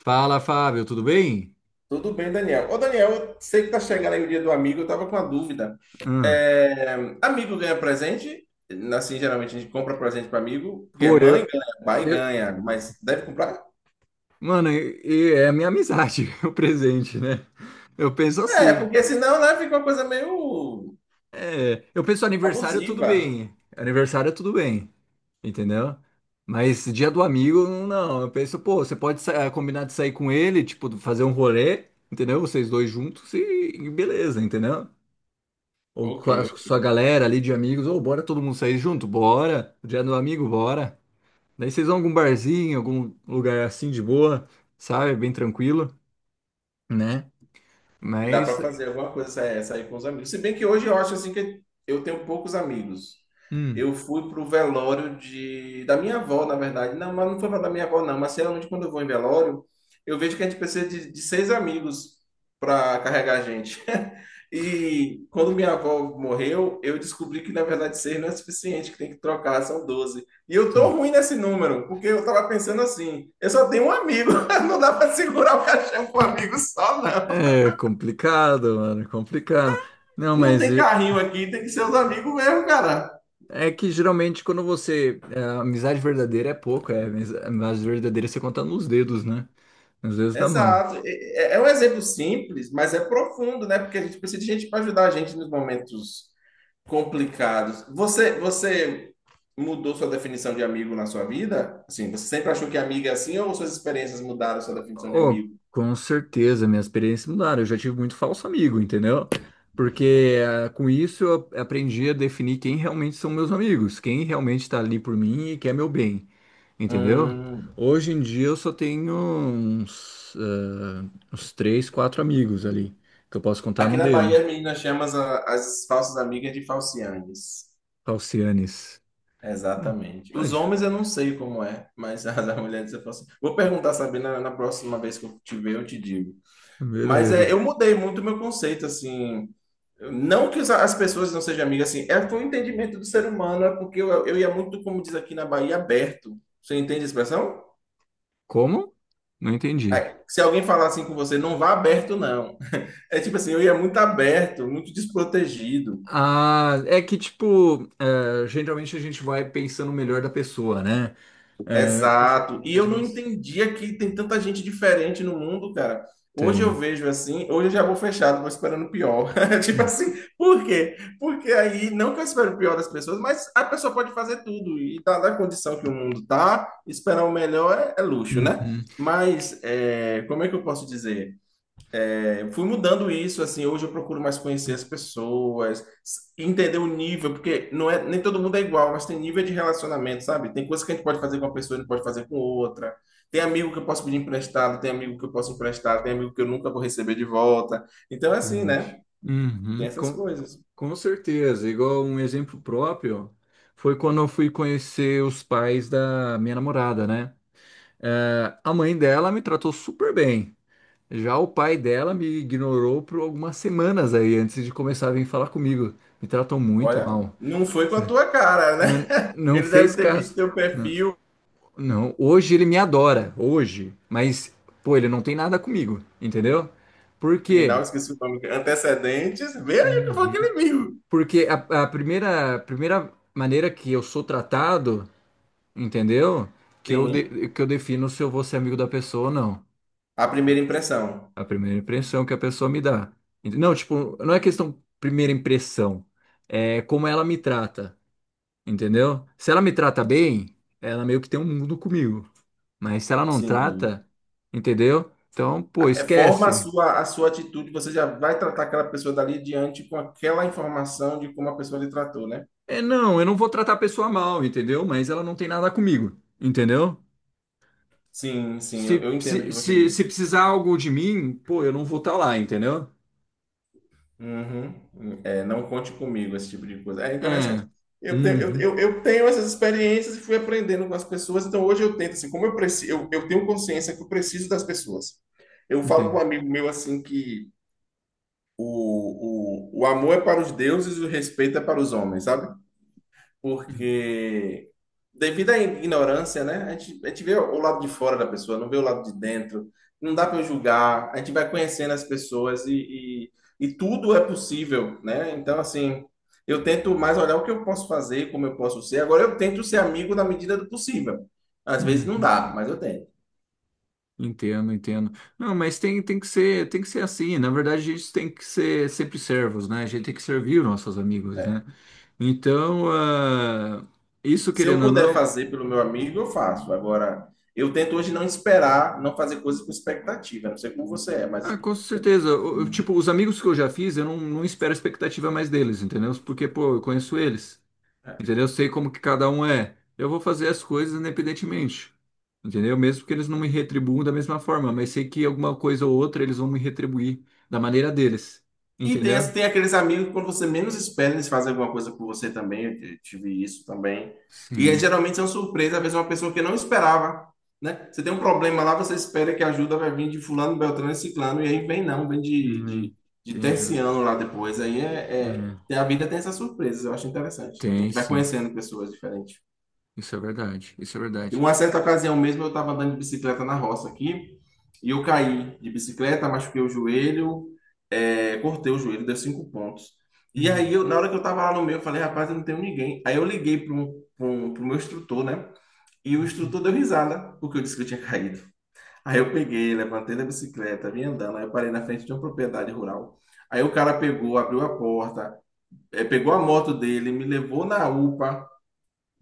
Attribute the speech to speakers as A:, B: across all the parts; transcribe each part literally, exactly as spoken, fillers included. A: Fala, Fábio, tudo bem?
B: Tudo bem, Daniel. Ô, Daniel, eu sei que tá chegando aí o dia do amigo, eu tava com uma dúvida.
A: Hum.
B: É, Amigo ganha presente? Assim, geralmente a gente compra presente para amigo, porque
A: Pô,
B: mãe
A: eu,
B: ganha, pai
A: eu,
B: ganha, mas deve comprar?
A: mano, e- e é a minha amizade, o presente, né? Eu penso
B: É,
A: assim,
B: porque senão, né, fica uma coisa meio
A: é, eu penso aniversário tudo
B: abusiva.
A: bem, aniversário tudo bem, entendeu? Mas dia do amigo, não, eu penso, pô, você pode sa- eh, combinar de sair com ele, tipo, fazer um rolê, entendeu? Vocês dois juntos e, e beleza, entendeu? Ou
B: Ok,
A: com a
B: ok.
A: sua galera ali de amigos, ou bora todo mundo sair junto, bora, dia do amigo, bora. Daí vocês vão a algum barzinho, algum lugar assim de boa, sabe? Bem tranquilo, né?
B: Dá
A: Mas,
B: para fazer alguma coisa, sair, sair com os amigos. Se bem que hoje eu acho assim que eu tenho poucos amigos.
A: hum,
B: Eu fui pro velório de da minha avó, na verdade. Não, mas não foi pra da minha avó, não. Mas geralmente quando eu vou em velório, eu vejo que a gente precisa de, de seis amigos para carregar a gente. E quando minha avó morreu, eu descobri que na verdade seis não é suficiente, que tem que trocar, são doze. E eu tô
A: são-
B: ruim nesse número, porque eu tava pensando assim, eu só tenho um amigo, não dá para segurar o caixão com um amigo só, não.
A: é complicado, mano, é complicado. Não,
B: E não
A: mas
B: tem
A: é
B: carrinho aqui, tem que ser os amigos mesmo, cara.
A: é que geralmente quando você, é, a amizade verdadeira é pouco, é, mas a amizade verdadeira você conta nos dedos, né? Nos dedos da mão.
B: Exato. É, é um exemplo simples, mas é profundo, né? Porque a gente precisa de gente para ajudar a gente nos momentos complicados. Você, você mudou sua definição de amigo na sua vida? Assim, você sempre achou que amigo é assim ou suas experiências mudaram sua definição de
A: Oh,
B: amigo?
A: com certeza, minhas experiências mudaram. Eu já tive muito falso amigo, entendeu? Porque eh, com isso eu aprendi a definir quem realmente são meus amigos, quem realmente está ali por mim e quer meu bem, entendeu?
B: Hum.
A: Hoje em dia eu só tenho uns, ah, uns três, quatro amigos ali, que eu posso contar
B: Aqui
A: no
B: na
A: dedo.
B: Bahia, as meninas chamam as, as falsas amigas de falciandes.
A: Falcianes. Bom,
B: Exatamente.
A: ai,
B: Os homens eu não sei como é, mas as as mulheres eu posso. Vou perguntar, sabe, na, na próxima vez que eu te ver, eu te digo. Mas é,
A: beleza.
B: eu mudei muito o meu conceito, assim. Não que os- as pessoas não sejam amigas, assim, é foi um entendimento do ser humano, é porque eu, eu ia muito, como diz aqui na Bahia, aberto. Você entende a expressão?
A: Como? Não entendi.
B: Aí, se alguém falar assim com você, não vá aberto, não. É tipo assim, eu ia muito aberto, muito desprotegido.
A: Ah, é que, tipo, eh, geralmente a gente vai pensando melhor da pessoa, né?
B: Exato. E eu
A: Realmente
B: não
A: mas
B: entendia que tem tanta gente diferente no mundo, cara. Hoje eu
A: tem.
B: vejo assim, hoje eu já vou fechado, vou esperando o pior. Tipo
A: Hum.
B: assim, por quê? Porque aí, não que eu espero o pior das pessoas, mas a pessoa pode fazer tudo. E tá na condição que o mundo tá, esperar o melhor é, é luxo, né?
A: Uhum.
B: Mas é, como é que eu posso dizer? Eu fui mudando isso, assim, hoje eu procuro mais conhecer as pessoas, s- entender o nível, porque não é, nem todo mundo é igual, mas tem nível de relacionamento, sabe? Tem coisas que a gente pode fazer com uma pessoa e não pode fazer com outra. Tem amigo que eu posso pedir emprestado, tem amigo que eu posso emprestar, tem amigo que eu nunca vou receber de volta. Então é assim,
A: Internet.
B: né? Tem
A: Uhum.
B: essas
A: Com,
B: coisas.
A: com certeza. Igual um exemplo próprio foi quando eu fui conhecer os pais da minha namorada, né? É, a mãe dela me tratou super bem. Já o pai dela me ignorou por algumas semanas aí, antes de começar a vir falar comigo. Me tratou muito
B: Olha,
A: mal.
B: não foi com a tua cara, né?
A: Não, não
B: Ele deve
A: fez
B: ter visto
A: caso.
B: teu perfil
A: Não, hoje ele me adora, hoje. Mas, pô, ele não tem nada comigo, entendeu? Por quê?
B: criminal, esqueci o nome, antecedentes. Veja o que foi
A: Uhum.
B: aquele amigo.
A: Porque a, a primeira, a primeira maneira que eu sou tratado, entendeu? Que eu,
B: Sim,
A: de- que eu defino se eu vou ser amigo da pessoa ou não.
B: a primeira impressão.
A: A primeira impressão que a pessoa me dá. Ent- Não, tipo, não é questão primeira impressão. É como ela me trata. Entendeu? Se ela me trata bem, ela meio que tem um mundo comigo. Mas se ela não
B: Sim.
A: trata, entendeu? Então, pô,
B: É, forma a
A: esquece.
B: sua, a sua atitude, você já vai tratar aquela pessoa dali diante com aquela informação de como a pessoa lhe tratou, né?
A: É, não, eu não vou tratar a pessoa mal, entendeu? Mas ela não tem nada comigo, entendeu?
B: Sim, sim, eu,
A: Se,
B: eu entendo o
A: se,
B: que você
A: se, se
B: disse.
A: precisar algo de mim, pô, eu não vou estar lá, entendeu?
B: Uhum. É, não conte comigo, esse tipo de coisa. É interessante.
A: É.
B: Eu tenho, eu,
A: Uhum,
B: eu, eu tenho essas experiências e fui aprendendo com as pessoas, então hoje eu tento, assim, como eu, preci, eu, eu tenho consciência que eu preciso das pessoas. Eu falo para um
A: entendi.
B: amigo meu assim que o, o, o amor é para os deuses e o respeito é para os homens, sabe? Porque devido à ignorância, né? A gente, a gente vê o lado de fora da pessoa, não vê o lado de dentro. Não dá para julgar. A gente vai conhecendo as pessoas e, e, e tudo é possível, né? Então, assim, eu tento mais olhar o que eu posso fazer, como eu posso ser. Agora, eu tento ser amigo na medida do possível. Às vezes não
A: Uhum.
B: dá, mas eu tento.
A: Entendo, entendo. Não, mas tem, tem que ser, tem que ser assim. Na verdade, a gente tem que ser sempre servos, né? A gente tem que servir os nossos amigos, né? Então, ah, isso
B: Se eu
A: querendo ou
B: puder
A: não,
B: fazer pelo meu amigo, eu faço. Agora, eu tento hoje não esperar, não fazer coisas com expectativa. Não sei como você é,
A: ah,
B: mas
A: com certeza. O- o- Tipo, os amigos que eu já fiz, eu não, não espero expectativa mais deles, entendeu? Porque, pô, eu conheço eles, entendeu? Eu sei como que cada um é. Eu vou fazer as coisas independentemente, entendeu? Mesmo que eles não me retribuam da mesma forma, mas sei que alguma coisa ou outra eles vão me retribuir da maneira deles,
B: E tem,
A: entendeu?
B: as- tem aqueles amigos que quando você menos espera, eles fazem alguma coisa por você também. Eu t- tive isso também. E é,
A: Sim.
B: geralmente são surpresas, às vezes uma pessoa que não esperava, né? Você tem um problema lá, você espera que a ajuda vai vir de fulano, beltrano e ciclano, e aí vem não, vem de,
A: Hum,
B: de, de
A: entendi.
B: terciano lá depois. Aí é, é-
A: É,
B: tem- a vida tem essas surpresas, eu acho interessante também. A
A: tem
B: gente vai
A: sim.
B: conhecendo pessoas diferentes.
A: Isso é verdade. Isso é
B: Em
A: verdade.
B: uma certa ocasião mesmo, eu estava andando de bicicleta na roça aqui e eu caí de bicicleta, machuquei o joelho, é, cortei o joelho, deu cinco pontos. E aí,
A: Uhum,
B: eu, na hora que eu estava lá no meio, eu falei, rapaz, eu não tenho ninguém. Aí eu liguei para o meu instrutor, né? E o
A: uhum,
B: instrutor deu risada, porque eu disse que eu tinha caído. Aí eu peguei, levantei da bicicleta, vim andando, aí eu parei na frente de uma propriedade rural. Aí o cara pegou, abriu a porta, eh, pegou a moto dele, me levou na UPA,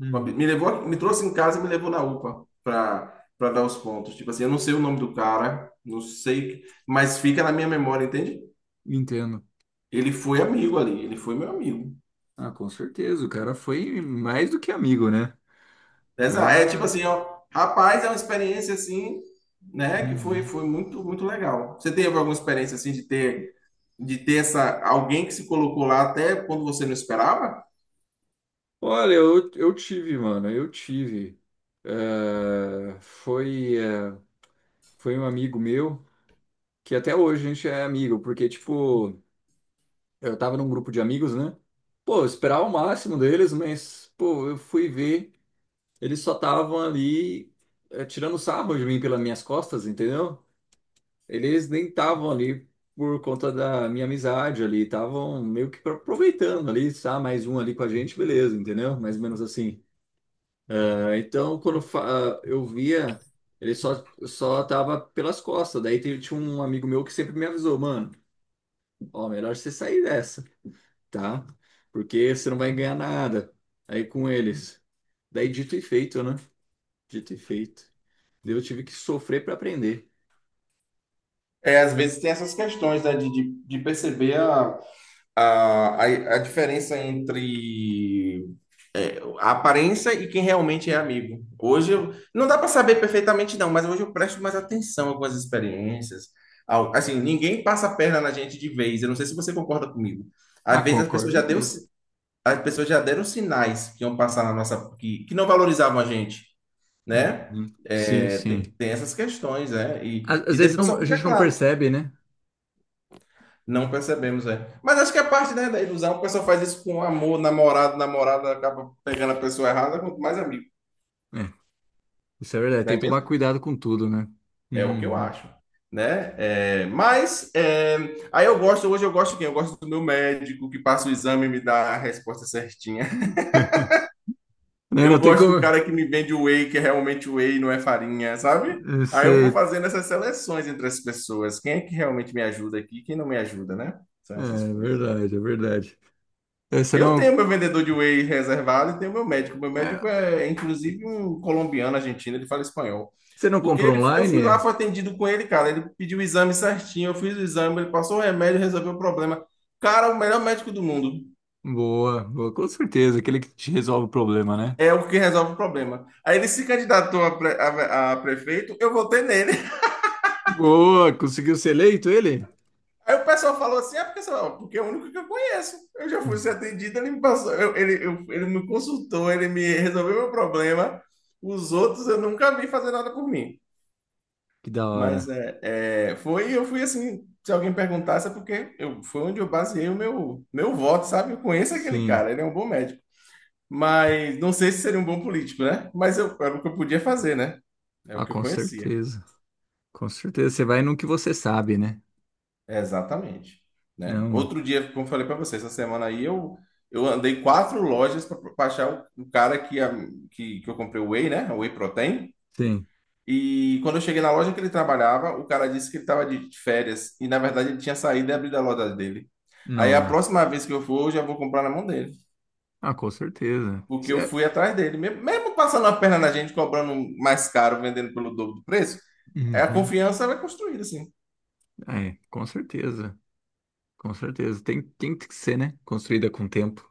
A: uhum.
B: me levou, me trouxe em casa e me levou na UPA para para dar os pontos. Tipo assim, eu não sei o nome do cara, não sei, mas fica na minha memória, entende?
A: Entendo.
B: Ele foi amigo ali, ele foi meu amigo.
A: Ah, com certeza. O cara foi mais do que amigo, né? O
B: Essa, é tipo
A: cara.
B: assim, ó, rapaz, é uma experiência assim, né, que foi
A: Uhum.
B: foi muito muito legal. Você teve alguma experiência assim de ter de ter essa alguém que se colocou lá até quando você não esperava?
A: Olha, eu, eu tive, mano. Eu tive. É, foi, é, foi um amigo meu, que até hoje a gente é amigo, porque, tipo, eu tava num grupo de amigos, né? Pô, eu esperava o máximo deles, mas, pô, eu fui ver. Eles só estavam ali eh, tirando sarro de mim pelas minhas costas, entendeu? Eles nem estavam ali por conta da minha amizade ali, estavam meio que aproveitando ali, tá? Mais um ali com a gente, beleza, entendeu? Mais ou menos assim. Ah, então, quando fa- ah, eu via, ele só, só tava pelas costas. Daí te- tinha um amigo meu que sempre me avisou, mano, ó, melhor você sair dessa, tá? Porque você não vai ganhar nada aí com eles. Daí dito e feito, né? Dito e feito. Eu tive que sofrer para aprender.
B: É, às vezes tem essas questões, né, de, de, de perceber a, a, a, a diferença entre a aparência e quem realmente é amigo. Hoje eu, não dá para saber perfeitamente não, mas hoje eu presto mais atenção a algumas experiências. Ao- Assim, ninguém passa a perna na gente de vez. Eu não sei se você concorda comigo.
A: Ah,
B: Às vezes as pessoas
A: concordo
B: já deu,
A: mesmo.
B: si- as pessoas já deram sinais que iam passar na nossa que, que não valorizavam a gente, né?
A: Uhum. Sim,
B: É,
A: sim.
B: tem, tem essas questões, né? E,
A: Às,
B: e
A: às vezes
B: depois
A: não-
B: só
A: a
B: fica
A: gente não
B: claro,
A: percebe, né?
B: não percebemos, é. Mas acho que a parte, né, da ilusão, o pessoal faz isso com amor, namorado, namorada acaba pegando a pessoa errada, quanto mais amigo,
A: É, isso é verdade.
B: não
A: Tem
B: é
A: que tomar
B: mesmo?
A: cuidado com tudo, né?
B: É o que eu
A: Uhum.
B: acho, né? É, mas é, aí eu gosto, hoje eu gosto de quem? Eu gosto do meu médico que passa o exame e me dá a resposta certinha.
A: Né,
B: Eu
A: não tem
B: gosto do
A: como.
B: cara que me vende o whey, que é realmente whey, não é farinha, sabe? Aí eu vou
A: Você...
B: fazendo essas seleções entre as pessoas. Quem é que realmente me ajuda aqui, e quem não me ajuda, né? São
A: É
B: essas
A: é
B: coisas.
A: verdade, é verdade. É, você
B: Eu
A: não,
B: tenho meu vendedor de whey reservado e tenho meu médico. Meu
A: é,
B: médico é, é, inclusive, um colombiano argentino, ele fala espanhol.
A: você não
B: Porque
A: compra
B: ele- eu fui
A: online?
B: lá,
A: É?
B: fui atendido com ele, cara. Ele pediu o exame certinho, eu fiz o exame, ele passou o remédio, resolveu o problema. Cara, o melhor médico do mundo
A: Boa, boa, com certeza. Aquele que te resolve o problema, né?
B: é o que resolve o problema. Aí ele se candidatou a, pre- a- a prefeito, eu votei nele.
A: Boa, conseguiu ser eleito ele?
B: Aí o pessoal falou assim: é porque, sei lá, porque é o único que eu conheço. Eu já fui ser
A: Hum,
B: atendido, ele me passou, eu- ele, eu- ele me consultou, ele me resolveu meu problema. Os outros eu nunca vi fazer nada por mim.
A: Que da
B: Mas
A: hora.
B: é, é, foi, eu fui assim, se alguém perguntasse, é porque eu, foi onde eu baseei o meu, meu voto, sabe? Eu conheço aquele
A: Sim,
B: cara, ele é um bom médico. Mas não sei se seria um bom político, né? Mas eu, era o que eu podia fazer, né? É o
A: ah,
B: que eu
A: com
B: conhecia.
A: certeza. Com certeza. Você vai no que você sabe, né?
B: Exatamente, né?
A: Não,
B: Outro dia, como eu falei para você, essa semana aí eu, eu andei quatro lojas para achar o, o cara que, a- que, que eu comprei o Whey, né? O Whey Protein.
A: sim.
B: E quando eu cheguei na loja que ele trabalhava, o cara disse que ele estava de férias e na verdade ele tinha saído e abrido a loja dele. Aí a
A: Nossa.
B: próxima vez que eu for, eu já vou comprar na mão dele,
A: Ah, com certeza.
B: porque eu
A: É,
B: fui atrás dele, mesmo mesmo passando a perna na gente, cobrando um mais caro, vendendo pelo dobro do preço, é a
A: uhum.
B: confiança vai construída assim.
A: Ah, é, com certeza. Com certeza. Tem, tem que ser, né? Construída com tempo.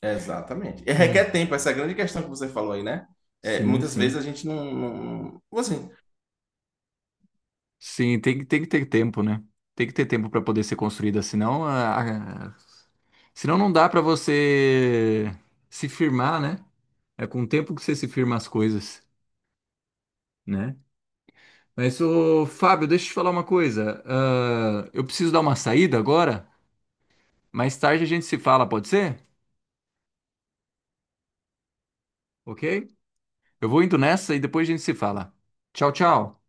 B: Exatamente. E requer
A: Hum.
B: tempo, essa é a grande questão que você falou aí, né? É,
A: Sim,
B: muitas vezes
A: sim.
B: a gente não, não, assim,
A: Sim, tem, que- tem que ter tempo, né? Tem que ter tempo para poder ser construída, senão, a, a- senão não dá para você se firmar, né? É com o tempo que você se firma as coisas, né? Mas, ô, Fábio, deixa eu te falar uma coisa. Ah, eu preciso dar uma saída agora. Mais tarde a gente se fala, pode ser? Ok? Eu vou indo nessa e depois a gente se fala. Tchau, tchau.